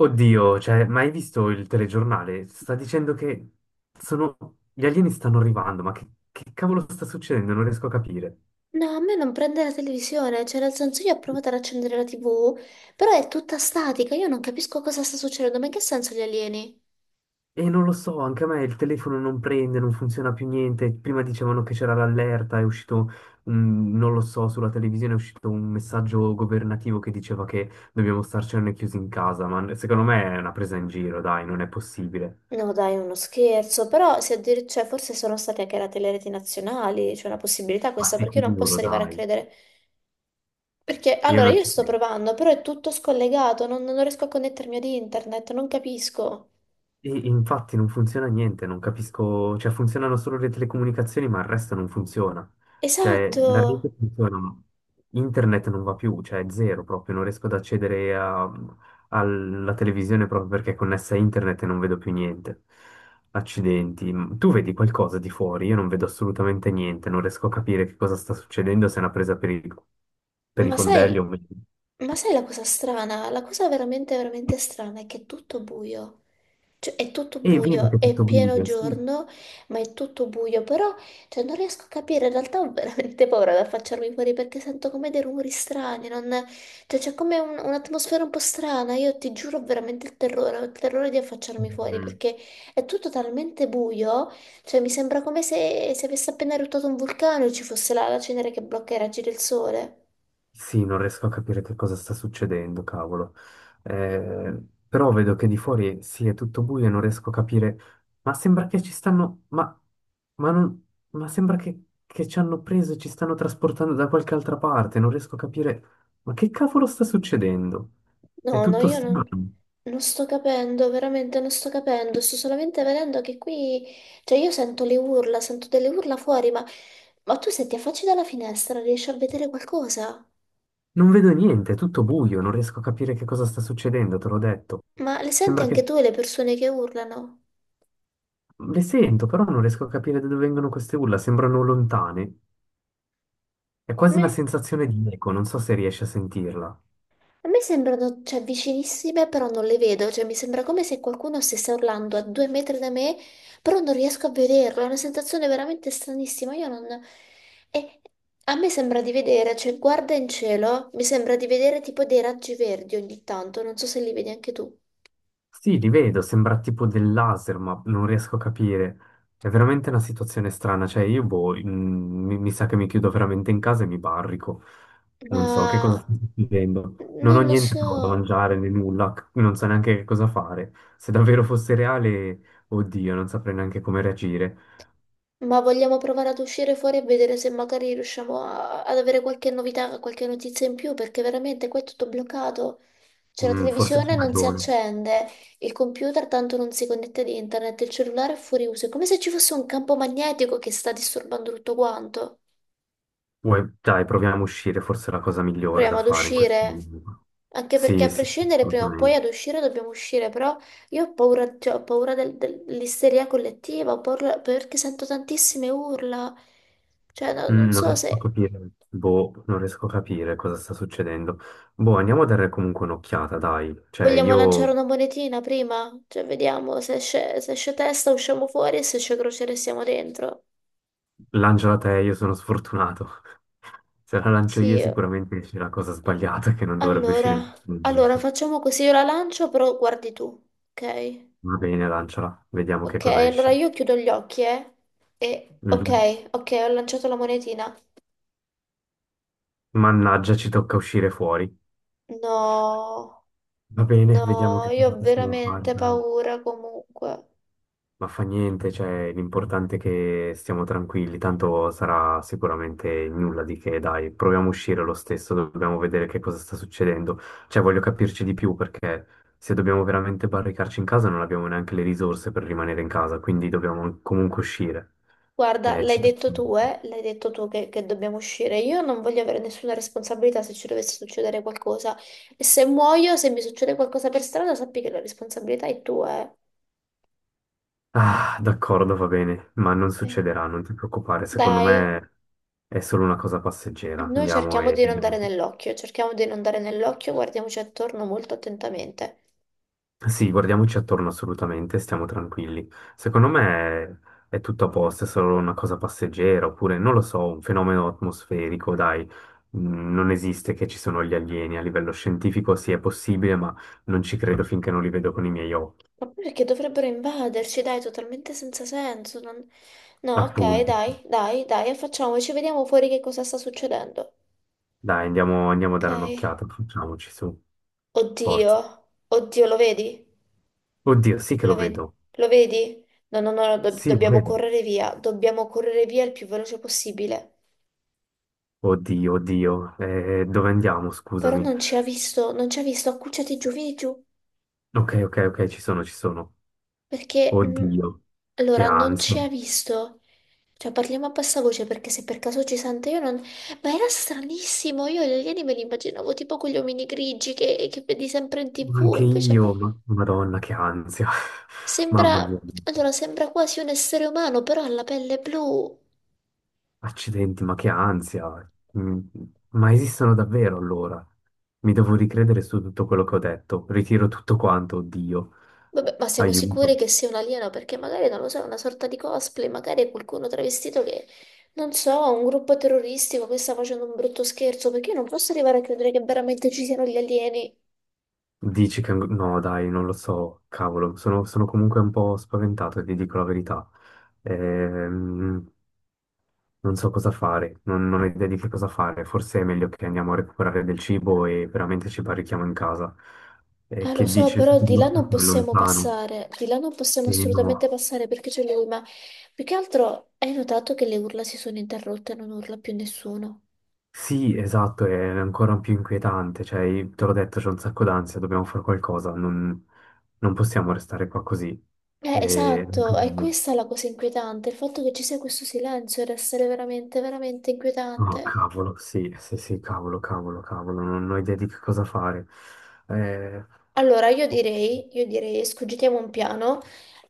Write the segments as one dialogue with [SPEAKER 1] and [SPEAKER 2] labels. [SPEAKER 1] Oddio, cioè, ma hai visto il telegiornale? Sta dicendo che sono... gli alieni stanno arrivando, ma che cavolo sta succedendo? Non riesco a capire.
[SPEAKER 2] No, a me non prende la televisione, cioè nel senso io ho provato ad accendere la TV, però è tutta statica, io non capisco cosa sta succedendo, ma in che senso gli alieni?
[SPEAKER 1] E non lo so, anche a me il telefono non prende, non funziona più niente. Prima dicevano che c'era l'allerta, è uscito, non lo so, sulla televisione è uscito un messaggio governativo che diceva che dobbiamo starcene chiusi in casa, ma secondo me è una presa in giro, dai, non è possibile.
[SPEAKER 2] No, dai, è uno scherzo, però se addir- cioè, forse sono state anche le telereti nazionali, c'è una possibilità
[SPEAKER 1] Ma
[SPEAKER 2] questa, perché io non
[SPEAKER 1] sicuro,
[SPEAKER 2] posso arrivare a
[SPEAKER 1] dai,
[SPEAKER 2] credere. Perché
[SPEAKER 1] io
[SPEAKER 2] allora
[SPEAKER 1] non
[SPEAKER 2] io
[SPEAKER 1] ci
[SPEAKER 2] sto
[SPEAKER 1] credo.
[SPEAKER 2] provando, però è tutto scollegato, non riesco a connettermi ad internet, non capisco.
[SPEAKER 1] Infatti non funziona niente, non capisco, cioè funzionano solo le telecomunicazioni, ma il resto non funziona. Cioè
[SPEAKER 2] Esatto,
[SPEAKER 1] la rete funziona, ma internet non va più, cioè è zero proprio, non riesco ad alla televisione proprio perché è connessa a internet e non vedo più niente. Accidenti, tu vedi qualcosa di fuori? Io non vedo assolutamente niente, non riesco a capire che cosa sta succedendo, se è una presa per per i
[SPEAKER 2] ma
[SPEAKER 1] fondelli
[SPEAKER 2] sai,
[SPEAKER 1] o meno.
[SPEAKER 2] ma sai la cosa strana? La cosa veramente, veramente strana è che è tutto buio. Cioè, è tutto
[SPEAKER 1] E vedo che
[SPEAKER 2] buio,
[SPEAKER 1] è
[SPEAKER 2] è
[SPEAKER 1] tutto
[SPEAKER 2] pieno
[SPEAKER 1] buio, sì.
[SPEAKER 2] giorno, ma è tutto buio, però cioè, non riesco a capire, in realtà ho veramente paura ad affacciarmi fuori perché sento come dei rumori strani, cioè, c'è come un'atmosfera un po' strana, io ti giuro ho veramente il terrore, ho il terrore di affacciarmi fuori
[SPEAKER 1] Mm.
[SPEAKER 2] perché è tutto talmente buio, cioè mi sembra come se, se avesse appena eruttato un vulcano e ci fosse la cenere che blocca i raggi del sole.
[SPEAKER 1] Sì, non riesco a capire che cosa sta succedendo, cavolo. Eh, però vedo che di fuori sì, è tutto buio e non riesco a capire. Ma sembra che ci stanno. Ma non- ma sembra che ci hanno preso e ci stanno trasportando da qualche altra parte. Non riesco a capire. Ma che cavolo sta succedendo? È
[SPEAKER 2] No, no,
[SPEAKER 1] tutto
[SPEAKER 2] io non,
[SPEAKER 1] strano.
[SPEAKER 2] non sto capendo, veramente non sto capendo, sto solamente vedendo che qui, cioè io sento le urla, sento delle urla fuori, ma tu se ti affacci dalla finestra riesci a vedere qualcosa?
[SPEAKER 1] Non vedo niente, è tutto buio, non riesco a capire che cosa sta succedendo, te l'ho detto.
[SPEAKER 2] Ma le senti
[SPEAKER 1] Sembra
[SPEAKER 2] anche
[SPEAKER 1] che
[SPEAKER 2] tu le persone che urlano?
[SPEAKER 1] le sento, però non riesco a capire da dove vengono queste urla, sembrano lontane. È quasi una
[SPEAKER 2] Me?
[SPEAKER 1] sensazione di eco, non so se riesci a sentirla.
[SPEAKER 2] A me sembrano, cioè, vicinissime, però non le vedo, cioè mi sembra come se qualcuno stesse urlando a due metri da me, però non riesco a vederlo, è una sensazione veramente stranissima, io non... E a me sembra di vedere, cioè, guarda in cielo, mi sembra di vedere tipo dei raggi verdi ogni tanto, non so se li vedi anche tu,
[SPEAKER 1] Sì, li vedo, sembra tipo del laser, ma non riesco a capire. È veramente una situazione strana, cioè io boh, mi sa che mi chiudo veramente in casa e mi barrico. Non so che cosa
[SPEAKER 2] ma...
[SPEAKER 1] sto succedendo. Non
[SPEAKER 2] non
[SPEAKER 1] ho
[SPEAKER 2] lo
[SPEAKER 1] niente
[SPEAKER 2] so.
[SPEAKER 1] però da mangiare né nulla, non so neanche che cosa fare. Se davvero fosse reale, oddio, non saprei neanche come reagire.
[SPEAKER 2] Ma vogliamo provare ad uscire fuori e vedere se magari riusciamo ad avere qualche novità, qualche notizia in più, perché veramente qua è tutto bloccato. C'è la
[SPEAKER 1] Mm, forse c'è
[SPEAKER 2] televisione, non si
[SPEAKER 1] ragione.
[SPEAKER 2] accende, il computer tanto non si connette ad internet, il cellulare è fuori uso. È come se ci fosse un campo magnetico che sta disturbando tutto quanto.
[SPEAKER 1] Dai, proviamo a uscire, forse è la cosa migliore da
[SPEAKER 2] Proviamo ad
[SPEAKER 1] fare in questo
[SPEAKER 2] uscire.
[SPEAKER 1] momento.
[SPEAKER 2] Anche perché
[SPEAKER 1] Sì,
[SPEAKER 2] a
[SPEAKER 1] sì, sì,
[SPEAKER 2] prescindere prima o poi
[SPEAKER 1] assolutamente.
[SPEAKER 2] ad uscire dobbiamo uscire, però io ho paura, cioè, ho paura dell'isteria collettiva, ho paura perché sento tantissime urla. Cioè, non
[SPEAKER 1] Mm, non
[SPEAKER 2] so
[SPEAKER 1] riesco a
[SPEAKER 2] se
[SPEAKER 1] capire, boh, non riesco a capire cosa sta succedendo. Boh, andiamo a dare comunque un'occhiata, dai. Cioè,
[SPEAKER 2] vogliamo lanciare
[SPEAKER 1] io
[SPEAKER 2] una monetina prima? Cioè, vediamo se esce, se esce testa usciamo fuori e se esce crociere siamo dentro.
[SPEAKER 1] lanciala te, io sono sfortunato. Se la lancio io
[SPEAKER 2] Sì,
[SPEAKER 1] sicuramente c'è la cosa sbagliata che non dovrebbe uscire in
[SPEAKER 2] allora,
[SPEAKER 1] questo
[SPEAKER 2] allora
[SPEAKER 1] momento.
[SPEAKER 2] facciamo così, io la lancio, però guardi tu, ok?
[SPEAKER 1] Va bene, lanciala, vediamo che
[SPEAKER 2] Ok,
[SPEAKER 1] cosa
[SPEAKER 2] allora
[SPEAKER 1] esce.
[SPEAKER 2] io chiudo gli occhi, eh? E,
[SPEAKER 1] Mhm.
[SPEAKER 2] ok, ok, ho lanciato la monetina.
[SPEAKER 1] Mannaggia, ci tocca uscire fuori.
[SPEAKER 2] No,
[SPEAKER 1] Va bene,
[SPEAKER 2] no,
[SPEAKER 1] vediamo che
[SPEAKER 2] io
[SPEAKER 1] cosa
[SPEAKER 2] ho
[SPEAKER 1] possiamo fare,
[SPEAKER 2] veramente
[SPEAKER 1] dai.
[SPEAKER 2] paura comunque.
[SPEAKER 1] Ma fa niente, cioè, l'importante è che stiamo tranquilli, tanto sarà sicuramente nulla di che, dai, proviamo a uscire lo stesso, dobbiamo vedere che cosa sta succedendo. Cioè, voglio capirci di più perché se dobbiamo veramente barricarci in casa non abbiamo neanche le risorse per rimanere in casa, quindi dobbiamo comunque uscire.
[SPEAKER 2] Guarda, l'hai
[SPEAKER 1] Ci...
[SPEAKER 2] detto tu, eh? L'hai detto tu che dobbiamo uscire. Io non voglio avere nessuna responsabilità se ci dovesse succedere qualcosa. E se muoio, se mi succede qualcosa per strada, sappi che la responsabilità è tua, eh.
[SPEAKER 1] Ah, d'accordo, va bene, ma non
[SPEAKER 2] Eh,
[SPEAKER 1] succederà, non ti preoccupare, secondo
[SPEAKER 2] dai,
[SPEAKER 1] me è solo una cosa passeggera.
[SPEAKER 2] noi
[SPEAKER 1] Andiamo
[SPEAKER 2] cerchiamo
[SPEAKER 1] e
[SPEAKER 2] di non dare
[SPEAKER 1] vediamo.
[SPEAKER 2] nell'occhio, cerchiamo di non dare nell'occhio, guardiamoci attorno molto attentamente.
[SPEAKER 1] Sì, guardiamoci attorno assolutamente, stiamo tranquilli. Secondo me è tutto a posto, è solo una cosa passeggera, oppure non lo so, un fenomeno atmosferico, dai. Mm, non esiste che ci sono gli alieni a livello scientifico, sì, è possibile, ma non ci credo finché non li vedo con i miei occhi.
[SPEAKER 2] Ma poi perché dovrebbero invaderci? Dai, totalmente senza senso. No, ok,
[SPEAKER 1] Appunto.
[SPEAKER 2] dai, dai, dai, facciamoci, vediamo fuori che cosa sta succedendo.
[SPEAKER 1] Dai, andiamo, andiamo a dare
[SPEAKER 2] Ok.
[SPEAKER 1] un'occhiata, facciamoci su,
[SPEAKER 2] Oddio,
[SPEAKER 1] forza.
[SPEAKER 2] oddio, lo vedi?
[SPEAKER 1] Oddio, sì che
[SPEAKER 2] Lo
[SPEAKER 1] lo
[SPEAKER 2] vedi?
[SPEAKER 1] vedo.
[SPEAKER 2] Lo vedi? No, no, no,
[SPEAKER 1] Sì, lo vedo.
[SPEAKER 2] dobbiamo correre via il più veloce possibile.
[SPEAKER 1] Oddio, oddio. Dove andiamo?
[SPEAKER 2] Però
[SPEAKER 1] Scusami.
[SPEAKER 2] non ci ha visto, non ci ha visto, accucciati giù, vieni giù,
[SPEAKER 1] Ok, ok, ok, ci sono, ci sono.
[SPEAKER 2] perché...
[SPEAKER 1] Oddio, che
[SPEAKER 2] allora, non ci
[SPEAKER 1] ansia.
[SPEAKER 2] ha visto. Cioè, parliamo a bassa voce perché se per caso ci sente io non... Ma era stranissimo, io gli alieni me li immaginavo tipo quegli omini grigi che vedi sempre in
[SPEAKER 1] Ma
[SPEAKER 2] tv,
[SPEAKER 1] anche
[SPEAKER 2] invece
[SPEAKER 1] io, Madonna, che ansia. Mamma mia,
[SPEAKER 2] sembra... Allora, sembra quasi un essere umano, però ha la pelle blu.
[SPEAKER 1] accidenti, ma che ansia. Mm, ma esistono davvero allora? Mi devo ricredere su tutto quello che ho detto. Ritiro tutto quanto, oddio.
[SPEAKER 2] Vabbè, ma siamo sicuri
[SPEAKER 1] Aiuto.
[SPEAKER 2] che sia un alieno perché magari, non lo so, è una sorta di cosplay, magari è qualcuno travestito che, non so, un gruppo terroristico che sta facendo un brutto scherzo, perché io non posso arrivare a credere che veramente ci siano gli alieni.
[SPEAKER 1] Dici che... No, dai, non lo so, cavolo. Sono comunque un po' spaventato, ti dico la verità. Ehm, Non so cosa fare, non ho idea di che cosa fare. Forse è meglio che andiamo a recuperare del cibo e veramente ci barrichiamo in casa.
[SPEAKER 2] Ah, lo
[SPEAKER 1] Che
[SPEAKER 2] so,
[SPEAKER 1] dice?
[SPEAKER 2] però di là
[SPEAKER 1] Secondo
[SPEAKER 2] non
[SPEAKER 1] me è
[SPEAKER 2] possiamo
[SPEAKER 1] lontano.
[SPEAKER 2] passare, di là non possiamo
[SPEAKER 1] E no.
[SPEAKER 2] assolutamente passare perché c'è lui, ma più che altro hai notato che le urla si sono interrotte e non urla più nessuno.
[SPEAKER 1] Sì, esatto, è ancora più inquietante. Cioè, te l'ho detto, c'è un sacco d'ansia, dobbiamo fare qualcosa. Non possiamo restare qua così. E...
[SPEAKER 2] Esatto, è questa la cosa inquietante, il fatto che ci sia questo silenzio deve essere veramente, veramente
[SPEAKER 1] Oh,
[SPEAKER 2] inquietante.
[SPEAKER 1] cavolo, sì, sì, sì, cavolo, cavolo, cavolo. Non ho idea di che cosa fare. Eh...
[SPEAKER 2] Allora, io direi, scogitiamo un piano,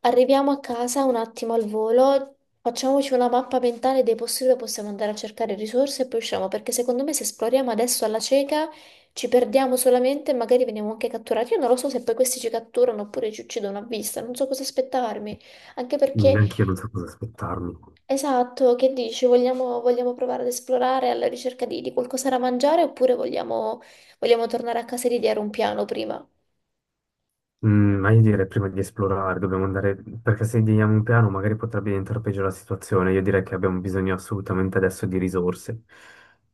[SPEAKER 2] arriviamo a casa un attimo al volo, facciamoci una mappa mentale dei posti dove possiamo andare a cercare risorse e poi usciamo, perché secondo me se esploriamo adesso alla cieca ci perdiamo solamente e magari veniamo anche catturati. Io non lo so se poi questi ci catturano oppure ci uccidono a vista, non so cosa aspettarmi, anche perché,
[SPEAKER 1] Neanche io non so cosa aspettarmi.
[SPEAKER 2] esatto, che dici, vogliamo, vogliamo provare ad esplorare alla ricerca di qualcosa da mangiare oppure vogliamo, vogliamo tornare a casa e ideare un piano prima?
[SPEAKER 1] Mm, ma io direi prima di esplorare, dobbiamo andare, perché se diamo un piano magari potrebbe diventare peggio la situazione. Io direi che abbiamo bisogno assolutamente adesso di risorse.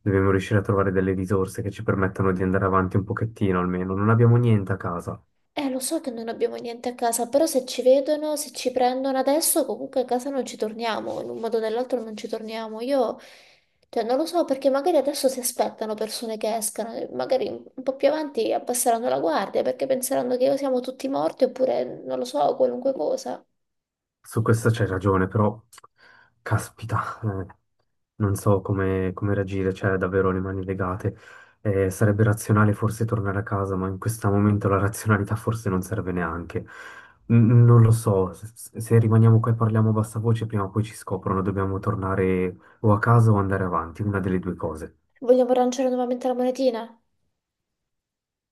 [SPEAKER 1] Dobbiamo riuscire a trovare delle risorse che ci permettano di andare avanti un pochettino almeno. Non abbiamo niente a casa.
[SPEAKER 2] Lo so che non abbiamo niente a casa, però se ci vedono, se ci prendono adesso, comunque a casa non ci torniamo, in un modo o nell'altro non ci torniamo. Io, cioè, non lo so perché magari adesso si aspettano persone che escano, e magari un po' più avanti abbasseranno la guardia perché penseranno che siamo tutti morti oppure, non lo so, qualunque cosa.
[SPEAKER 1] Su questo c'hai ragione, però caspita, non so come, come reagire, cioè davvero le mani legate. Sarebbe razionale forse tornare a casa, ma in questo momento la razionalità forse non serve neanche. Non lo so, se rimaniamo qua e parliamo a bassa voce, prima o poi ci scoprono, dobbiamo tornare o a casa o andare avanti, una delle due cose.
[SPEAKER 2] Vogliamo lanciare nuovamente la monetina?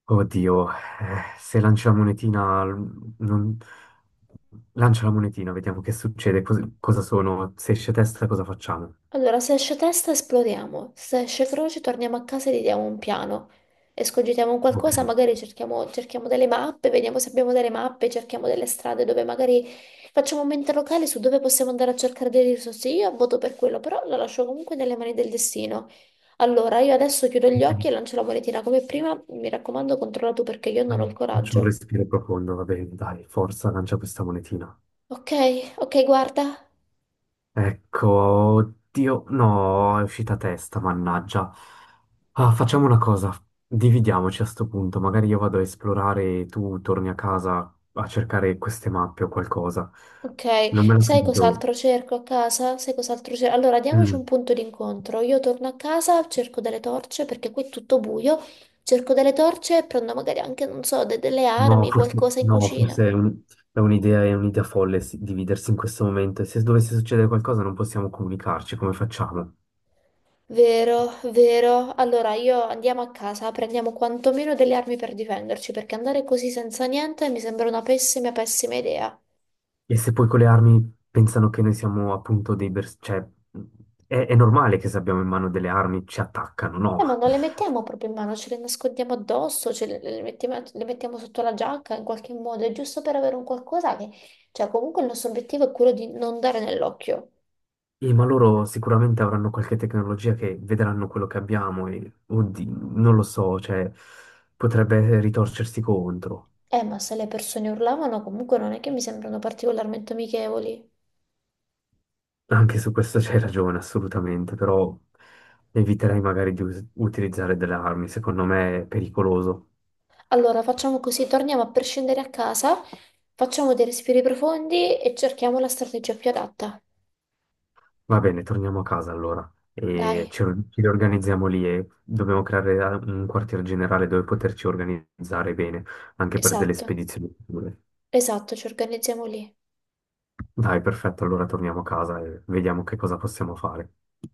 [SPEAKER 1] Oddio, se lancia la monetina, non... lancia la monetina, vediamo che succede, cosa sono, se esce testa cosa facciamo?
[SPEAKER 2] Allora, se esce testa esploriamo, se esce croce torniamo a casa e gli diamo un piano. E scogitiamo un
[SPEAKER 1] Ok,
[SPEAKER 2] qualcosa, magari cerchiamo, cerchiamo delle mappe, vediamo se abbiamo delle mappe, cerchiamo delle strade dove magari facciamo un mente locale su dove possiamo andare a cercare delle risorse. Io voto per quello, però lo lascio comunque nelle mani del destino. Allora, io adesso chiudo gli occhi e lancio la monetina come prima. Mi raccomando, controlla tu perché io non ho il
[SPEAKER 1] faccio un
[SPEAKER 2] coraggio.
[SPEAKER 1] respiro profondo, va bene, dai, forza, lancia questa monetina.
[SPEAKER 2] Ok, ok, guarda.
[SPEAKER 1] Ecco, oddio, no, è uscita testa, mannaggia. Ah, facciamo una cosa, dividiamoci a sto punto, magari io vado a esplorare e tu torni a casa a cercare queste mappe o qualcosa.
[SPEAKER 2] Ok,
[SPEAKER 1] Non me la
[SPEAKER 2] sai
[SPEAKER 1] sento.
[SPEAKER 2] cos'altro cerco a casa? Sai cos'altro cerco? Allora, diamoci un
[SPEAKER 1] Mm.
[SPEAKER 2] punto d'incontro. Io torno a casa, cerco delle torce perché qui è tutto buio. Cerco delle torce e prendo magari anche, non so, delle
[SPEAKER 1] No,
[SPEAKER 2] armi,
[SPEAKER 1] forse,
[SPEAKER 2] qualcosa in
[SPEAKER 1] no,
[SPEAKER 2] cucina.
[SPEAKER 1] forse è è un'idea folle sì, dividersi in questo momento. E se dovesse succedere qualcosa non possiamo comunicarci, come facciamo?
[SPEAKER 2] Vero, vero. Allora, io andiamo a casa, prendiamo quantomeno delle armi per difenderci, perché andare così senza niente mi sembra una pessima, pessima idea.
[SPEAKER 1] E se poi con le armi pensano che noi siamo appunto dei... cioè, è normale che se abbiamo in mano delle armi ci attaccano, no?
[SPEAKER 2] Ma non le mettiamo proprio in mano, ce le nascondiamo addosso, le mettiamo sotto la giacca in qualche modo, è giusto per avere un qualcosa che... Cioè, comunque il nostro obiettivo è quello di non dare nell'occhio.
[SPEAKER 1] E ma loro sicuramente avranno qualche tecnologia che vedranno quello che abbiamo e, oddio, non lo so, cioè, potrebbe ritorcersi contro.
[SPEAKER 2] Ma se le persone urlavano, comunque non è che mi sembrano particolarmente amichevoli.
[SPEAKER 1] Anche su questo c'hai ragione, assolutamente, però eviterei magari di utilizzare delle armi, secondo me è pericoloso.
[SPEAKER 2] Allora, facciamo così, torniamo a prescindere a casa, facciamo dei respiri profondi e cerchiamo la strategia più adatta.
[SPEAKER 1] Va bene, torniamo a casa allora e
[SPEAKER 2] Dai,
[SPEAKER 1] ci riorganizziamo lì e dobbiamo creare un quartier generale dove poterci organizzare bene, anche per delle
[SPEAKER 2] esatto,
[SPEAKER 1] spedizioni future.
[SPEAKER 2] esatto, ci organizziamo lì.
[SPEAKER 1] Dai, perfetto, allora torniamo a casa e vediamo che cosa possiamo fare.